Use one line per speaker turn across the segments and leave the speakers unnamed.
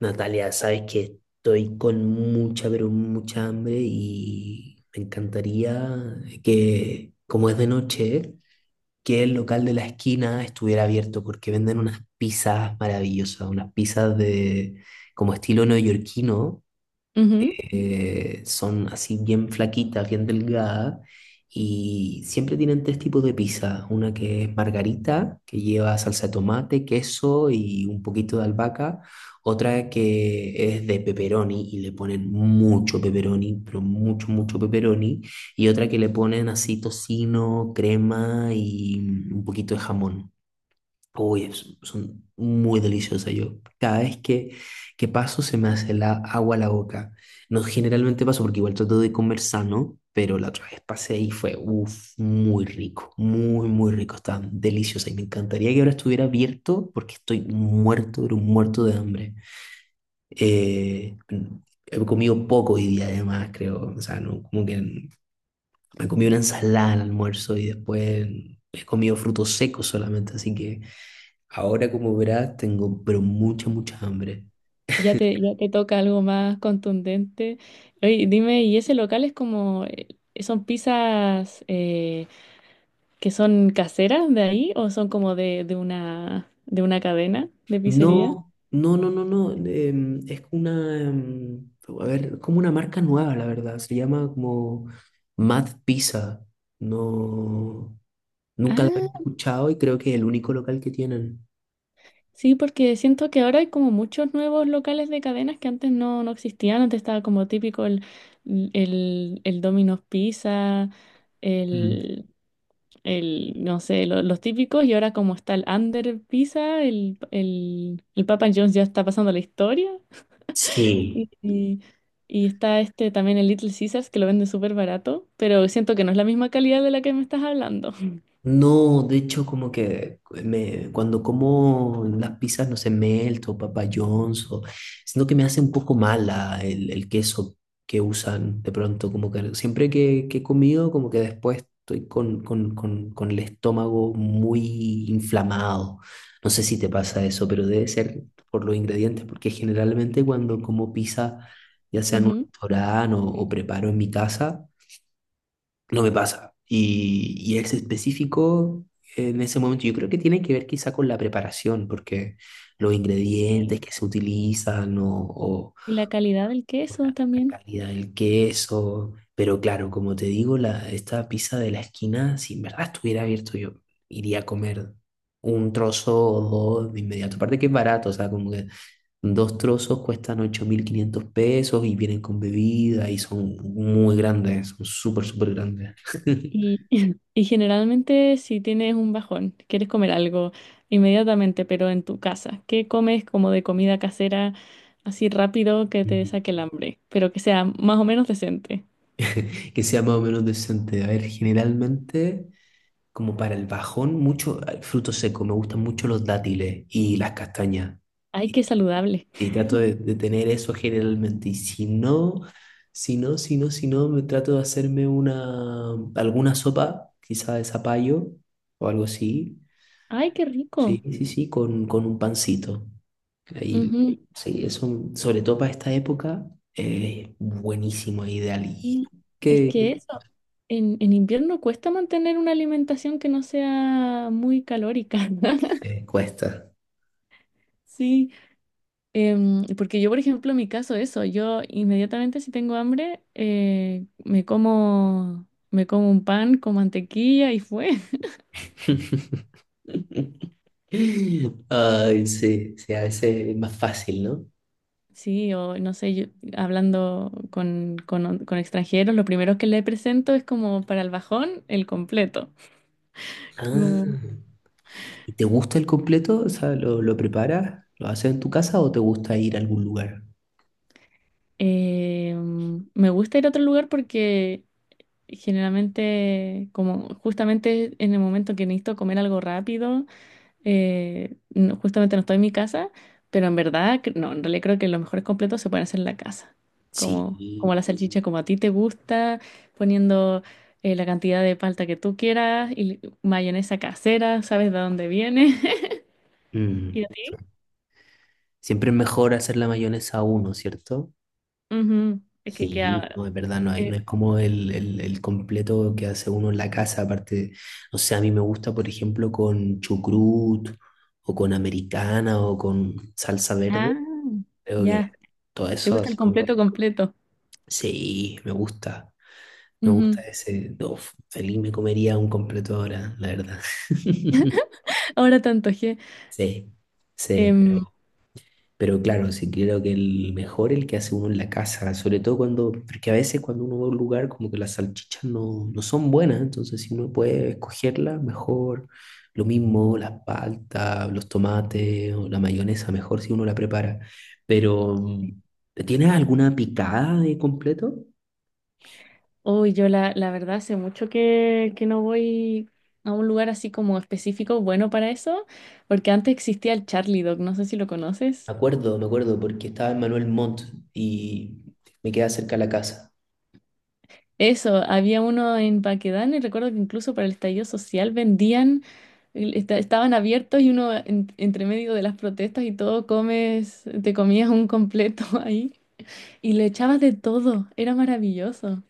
Natalia, sabes que estoy con mucha, pero mucha hambre y me encantaría que, como es de noche, que el local de la esquina estuviera abierto porque venden unas pizzas maravillosas, unas pizzas de como estilo neoyorquino.
Ujú.
Son así bien flaquitas, bien delgadas, y siempre tienen tres tipos de pizza. Una que es margarita, que lleva salsa de tomate, queso y un poquito de albahaca. Otra que es de pepperoni y le ponen mucho pepperoni, pero mucho, mucho pepperoni. Y otra que le ponen así tocino, crema y un poquito de jamón. Uy, son muy deliciosas. Yo que paso se me hace la agua a la boca. No, generalmente paso porque igual trato de comer sano, pero la otra vez pasé y fue, uff, muy rico, muy, muy rico. Está deliciosa y me encantaría que ahora estuviera abierto porque estoy muerto, pero muerto de hambre. Eh, He comido poco hoy día además, creo. O sea, no, como que me comí una ensalada al almuerzo y después he comido frutos secos solamente, así que ahora como verás tengo pero mucha, mucha hambre.
Ya te toca algo más contundente. Oye, dime, ¿y ese local es como, son pizzas que son caseras de ahí o son como de una cadena de pizzería?
No, no, no, no, no, es una, a ver, es como una marca nueva, la verdad, se llama como Mad Pizza. No, nunca la había escuchado y creo que es el único local que tienen.
Sí, porque siento que ahora hay como muchos nuevos locales de cadenas que antes no existían. Antes estaba como típico el Domino's Pizza,
Mm.
el, no sé, lo- los típicos. Y ahora como está el Under Pizza, el Papa John's ya está pasando la historia.
Sí.
Y, y- y está este también el Little Caesars que lo vende súper barato, pero siento que no es la misma calidad de la que me estás hablando.
No, de hecho, como que me, cuando como las pizzas, no sé, Melt o Papa John's, o, siento que me hace un poco mala el queso que usan de pronto, como que siempre que he comido, como que después estoy con el estómago muy inflamado. No sé si te pasa eso, pero debe ser por los ingredientes, porque generalmente cuando como pizza, ya sea en un
Ujú.
restaurante o preparo en mi casa, no me pasa. Y es específico en ese momento. Yo creo que tiene que ver quizá con la preparación, porque los ingredientes
Sí,
que se utilizan
y la calidad del
o
queso
la
también.
calidad del queso. Pero claro, como te digo, la, esta pizza de la esquina, si en verdad estuviera abierto, yo iría a comer un trozo o dos de inmediato. Aparte que es barato, o sea, como que dos trozos cuestan $8.500 y vienen con bebida y son muy grandes, son súper, súper grandes.
Y, y generalmente si tienes un bajón, quieres comer algo inmediatamente, pero en tu casa, ¿qué comes como de comida casera así rápido que te
Ujú.
saque el hambre, pero que sea más o menos decente?
Que sea más o menos decente. A ver, generalmente, como para el bajón, mucho fruto seco. Me gustan mucho los dátiles y las castañas.
Ay, qué
Y
saludable.
sí, trato de tener eso generalmente. Y si no, si no, si no, me trato de hacerme una, alguna sopa, quizá de zapallo o algo así.
Ay, qué rico.
Sí, sí, sí, con un pancito. Ahí,
Ujú.
sí, eso, sobre todo para esta época, es buenísimo, ideal. ¿Y
Y es que
qué
eso, en invierno cuesta mantener una alimentación que no sea muy calórica.
Cuesta.
Sí. Em, porque yo, por ejemplo, en mi caso, eso, yo inmediatamente si tengo hambre, me como un pan con mantequilla y fue.
Ay, sí, sí, a veces es más fácil, ¿no?
Sí, o no sé, yo, hablando con extranjeros, lo primero que le presento es como para el bajón, el completo. Como,
Ah, ¿y te gusta el completo? O sea, lo preparas? ¿Lo haces en tu casa o te gusta ir a algún lugar?
me gusta ir a otro lugar porque generalmente, como justamente en el momento que necesito comer algo rápido, justamente no estoy en mi casa, pero en verdad, cre- no, en realidad creo que los mejores completos se pueden hacer en la casa. Como, como
Sí.
la salchicha, como a ti te gusta, poniendo la cantidad de palta que tú quieras y mayonesa casera, sabes de dónde viene.
Mm,
Y a
sí.
ti,
Siempre es mejor hacer la mayonesa a uno, ¿cierto?
ujú, es que
Sí,
queda.
no, es verdad, no hay, no
eh,
es como el completo que hace uno en la casa, aparte, o sea, a mí me gusta, por ejemplo, con chucrut o con americana o con salsa
ah,
verde. Creo
ya,
que todo
te
eso,
gusta el
así como que
completo completo.
sí, me gusta
Ujú.
ese. Uf, feliz me comería un completo ahora, la verdad.
Ahora te antojé.
Sí, sí,
Em,
pero claro, sí creo que el mejor el que hace uno en la casa, sobre todo cuando, porque a veces cuando uno va a un lugar como que las salchichas no, no son buenas, entonces si uno puede escogerlas, mejor. Lo mismo, las paltas, los tomates o la mayonesa, mejor si uno la prepara. Pero, ¿tienes alguna picada de completo?
Uy, yo la, la verdad hace mucho que no voy a un lugar así como específico bueno para eso, porque antes existía el Charlie Dog, no sé si lo conoces.
Me acuerdo, porque estaba en Manuel Montt y me quedaba cerca de la casa.
Eso, había uno en Paquedano y recuerdo que incluso para el estallido social vendían, estaban abiertos y uno entre medio de las protestas y todo te comías un completo ahí y le echabas de todo, era maravilloso.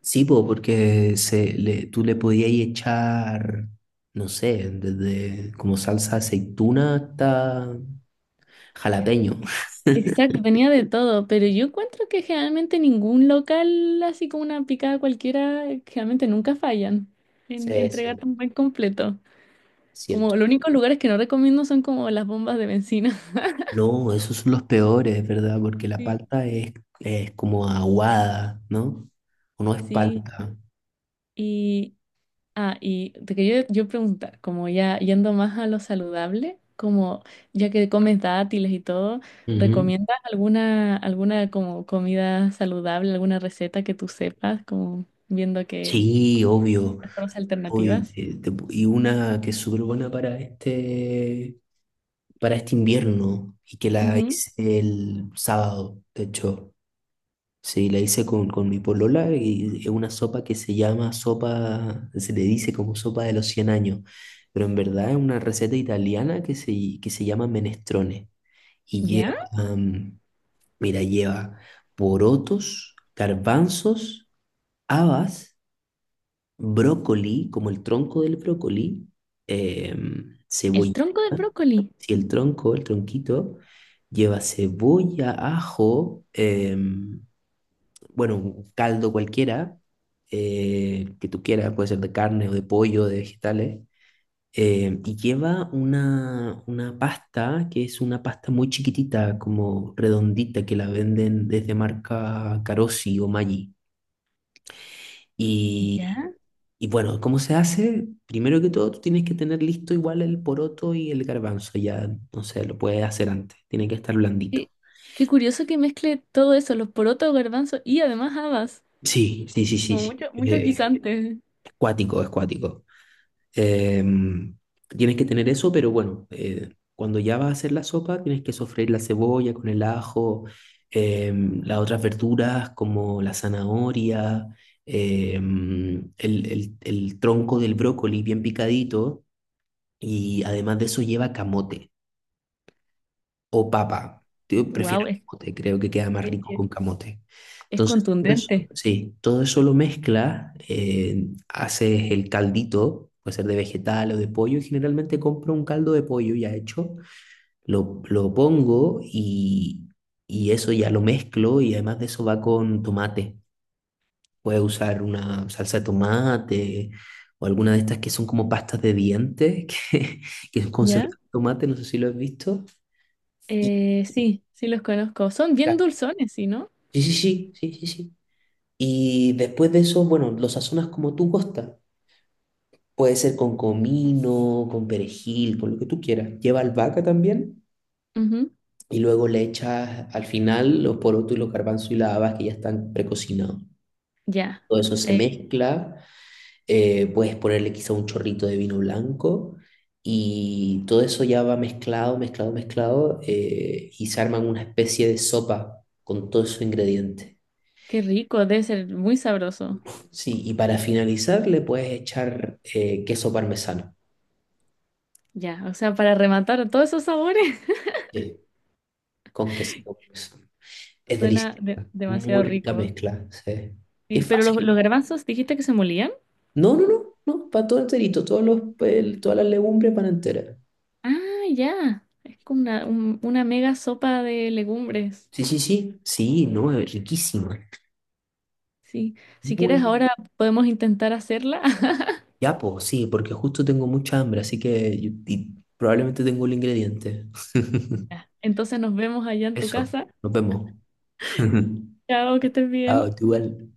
Sí, po, porque se, le, tú le podías echar, no sé, desde como salsa de aceituna hasta jalapeño.
Exacto, tenía de todo, pero yo encuentro que generalmente ningún local, así como una picada cualquiera, generalmente nunca fallan en
Sí,
entregar
sí,
tan buen completo.
cierto.
Como los únicos lugares que no recomiendo son como las bombas de bencina.
No, esos son los peores, ¿verdad? Porque la
Sí.
palta es como aguada, ¿no? O no es
Sí,
palta.
y, ah, y te quería yo preguntar, como ya yendo más a lo saludable, como ya que comes dátiles y todo,
Ujú.
¿recomiendas alguna, alguna como comida saludable, alguna receta que tú sepas, como viendo que...
Sí, obvio.
con las
Obvio. Y
alternativas?
y una que es súper buena para este invierno y que la
Ujú.
hice el sábado, de hecho. Sí, la hice con mi polola y es una sopa que se llama sopa, se le dice como sopa de los 100 años, pero en verdad es una receta italiana que se llama menestrone y lleva,
¿Ya?
mm, mira, lleva porotos, garbanzos, habas, brócoli, como el tronco del brócoli,
El
cebolla.
tronco del brócoli.
Si el tronco, el tronquito, lleva cebolla, ajo, bueno, un caldo cualquiera, que tú quieras, puede ser de carne o de pollo, de vegetales, y lleva una pasta que es una pasta muy chiquitita, como redondita, que la venden desde marca Carosi o Maggi. Y
¿Ya?
y bueno, ¿cómo se hace? Primero que todo, tú tienes que tener listo igual el poroto y el garbanzo. Ya, no sé, lo puedes hacer antes. Tiene que estar blandito.
Qué, qué curioso que mezcle todo eso, los porotos, garbanzos y además habas.
Sí, sí, sí, sí,
Como
sí.
mucho, mucho guisante.
Es cuático, es cuático. Em, tienes que tener eso, pero bueno, cuando ya vas a hacer la sopa, tienes que sofreír la cebolla con el ajo, las otras verduras como la zanahoria, el tronco del brócoli bien picadito, y además de eso lleva camote o papa. Yo
Wow,
prefiero
es,
camote, creo que queda más
es,
rico
es
con camote.
es
Entonces, todo eso,
contundente.
sí, todo eso lo mezclas, haces el caldito, puede ser de vegetal o de pollo, y generalmente compro un caldo de pollo ya hecho, lo pongo y eso ya lo mezclo y además de eso va con tomate. Puedes usar una salsa de tomate o alguna de estas que son como pastas de dientes, que es
¿Ya?
concentrado de tomate, no sé si lo has visto. Y
Sí, sí los conozco. Son bien dulzones, ¿sí, no?
sí, sí, sí, sí, sí, sí. Y después de eso, bueno, lo sazonas como tú gusta. Puede ser con comino, con perejil, con lo que tú quieras. Lleva albahaca también
Ujú.
y luego le echas al final los porotos y los garbanzos y las habas que ya están precocinados.
Ya.
Todo eso se
Eh,
mezcla, puedes ponerle quizá un chorrito de vino blanco y todo eso ya va mezclado, mezclado, mezclado, y se arman una especie de sopa con todos esos ingredientes.
qué rico, debe ser muy sabroso.
Sí, y para finalizar le puedes echar queso parmesano,
Ya, o sea, para rematar todos esos sabores,
sí, con quesito parmesano. Es
suena
delicioso, muy
demasiado
rica
rico.
mezcla, sí. Y
Sí,
es
pero
fácil.
los garbanzos, dijiste que se molían.
No, no, no, no, para todo enterito, todos los, todas las legumbres para entera.
Ah, ya. Es como una mega sopa de legumbres.
Sí, sí, sí, sí, no, es riquísima.
Sí. Si
Muy,
quieres,
muy.
ahora podemos intentar hacerla.
Ya, pues, sí, porque justo tengo mucha hambre, así que y probablemente tengo el ingrediente.
Ya. Entonces nos vemos allá en tu
Eso,
casa.
nos vemos.
Chao, que estés bien.
Chao, tú igual.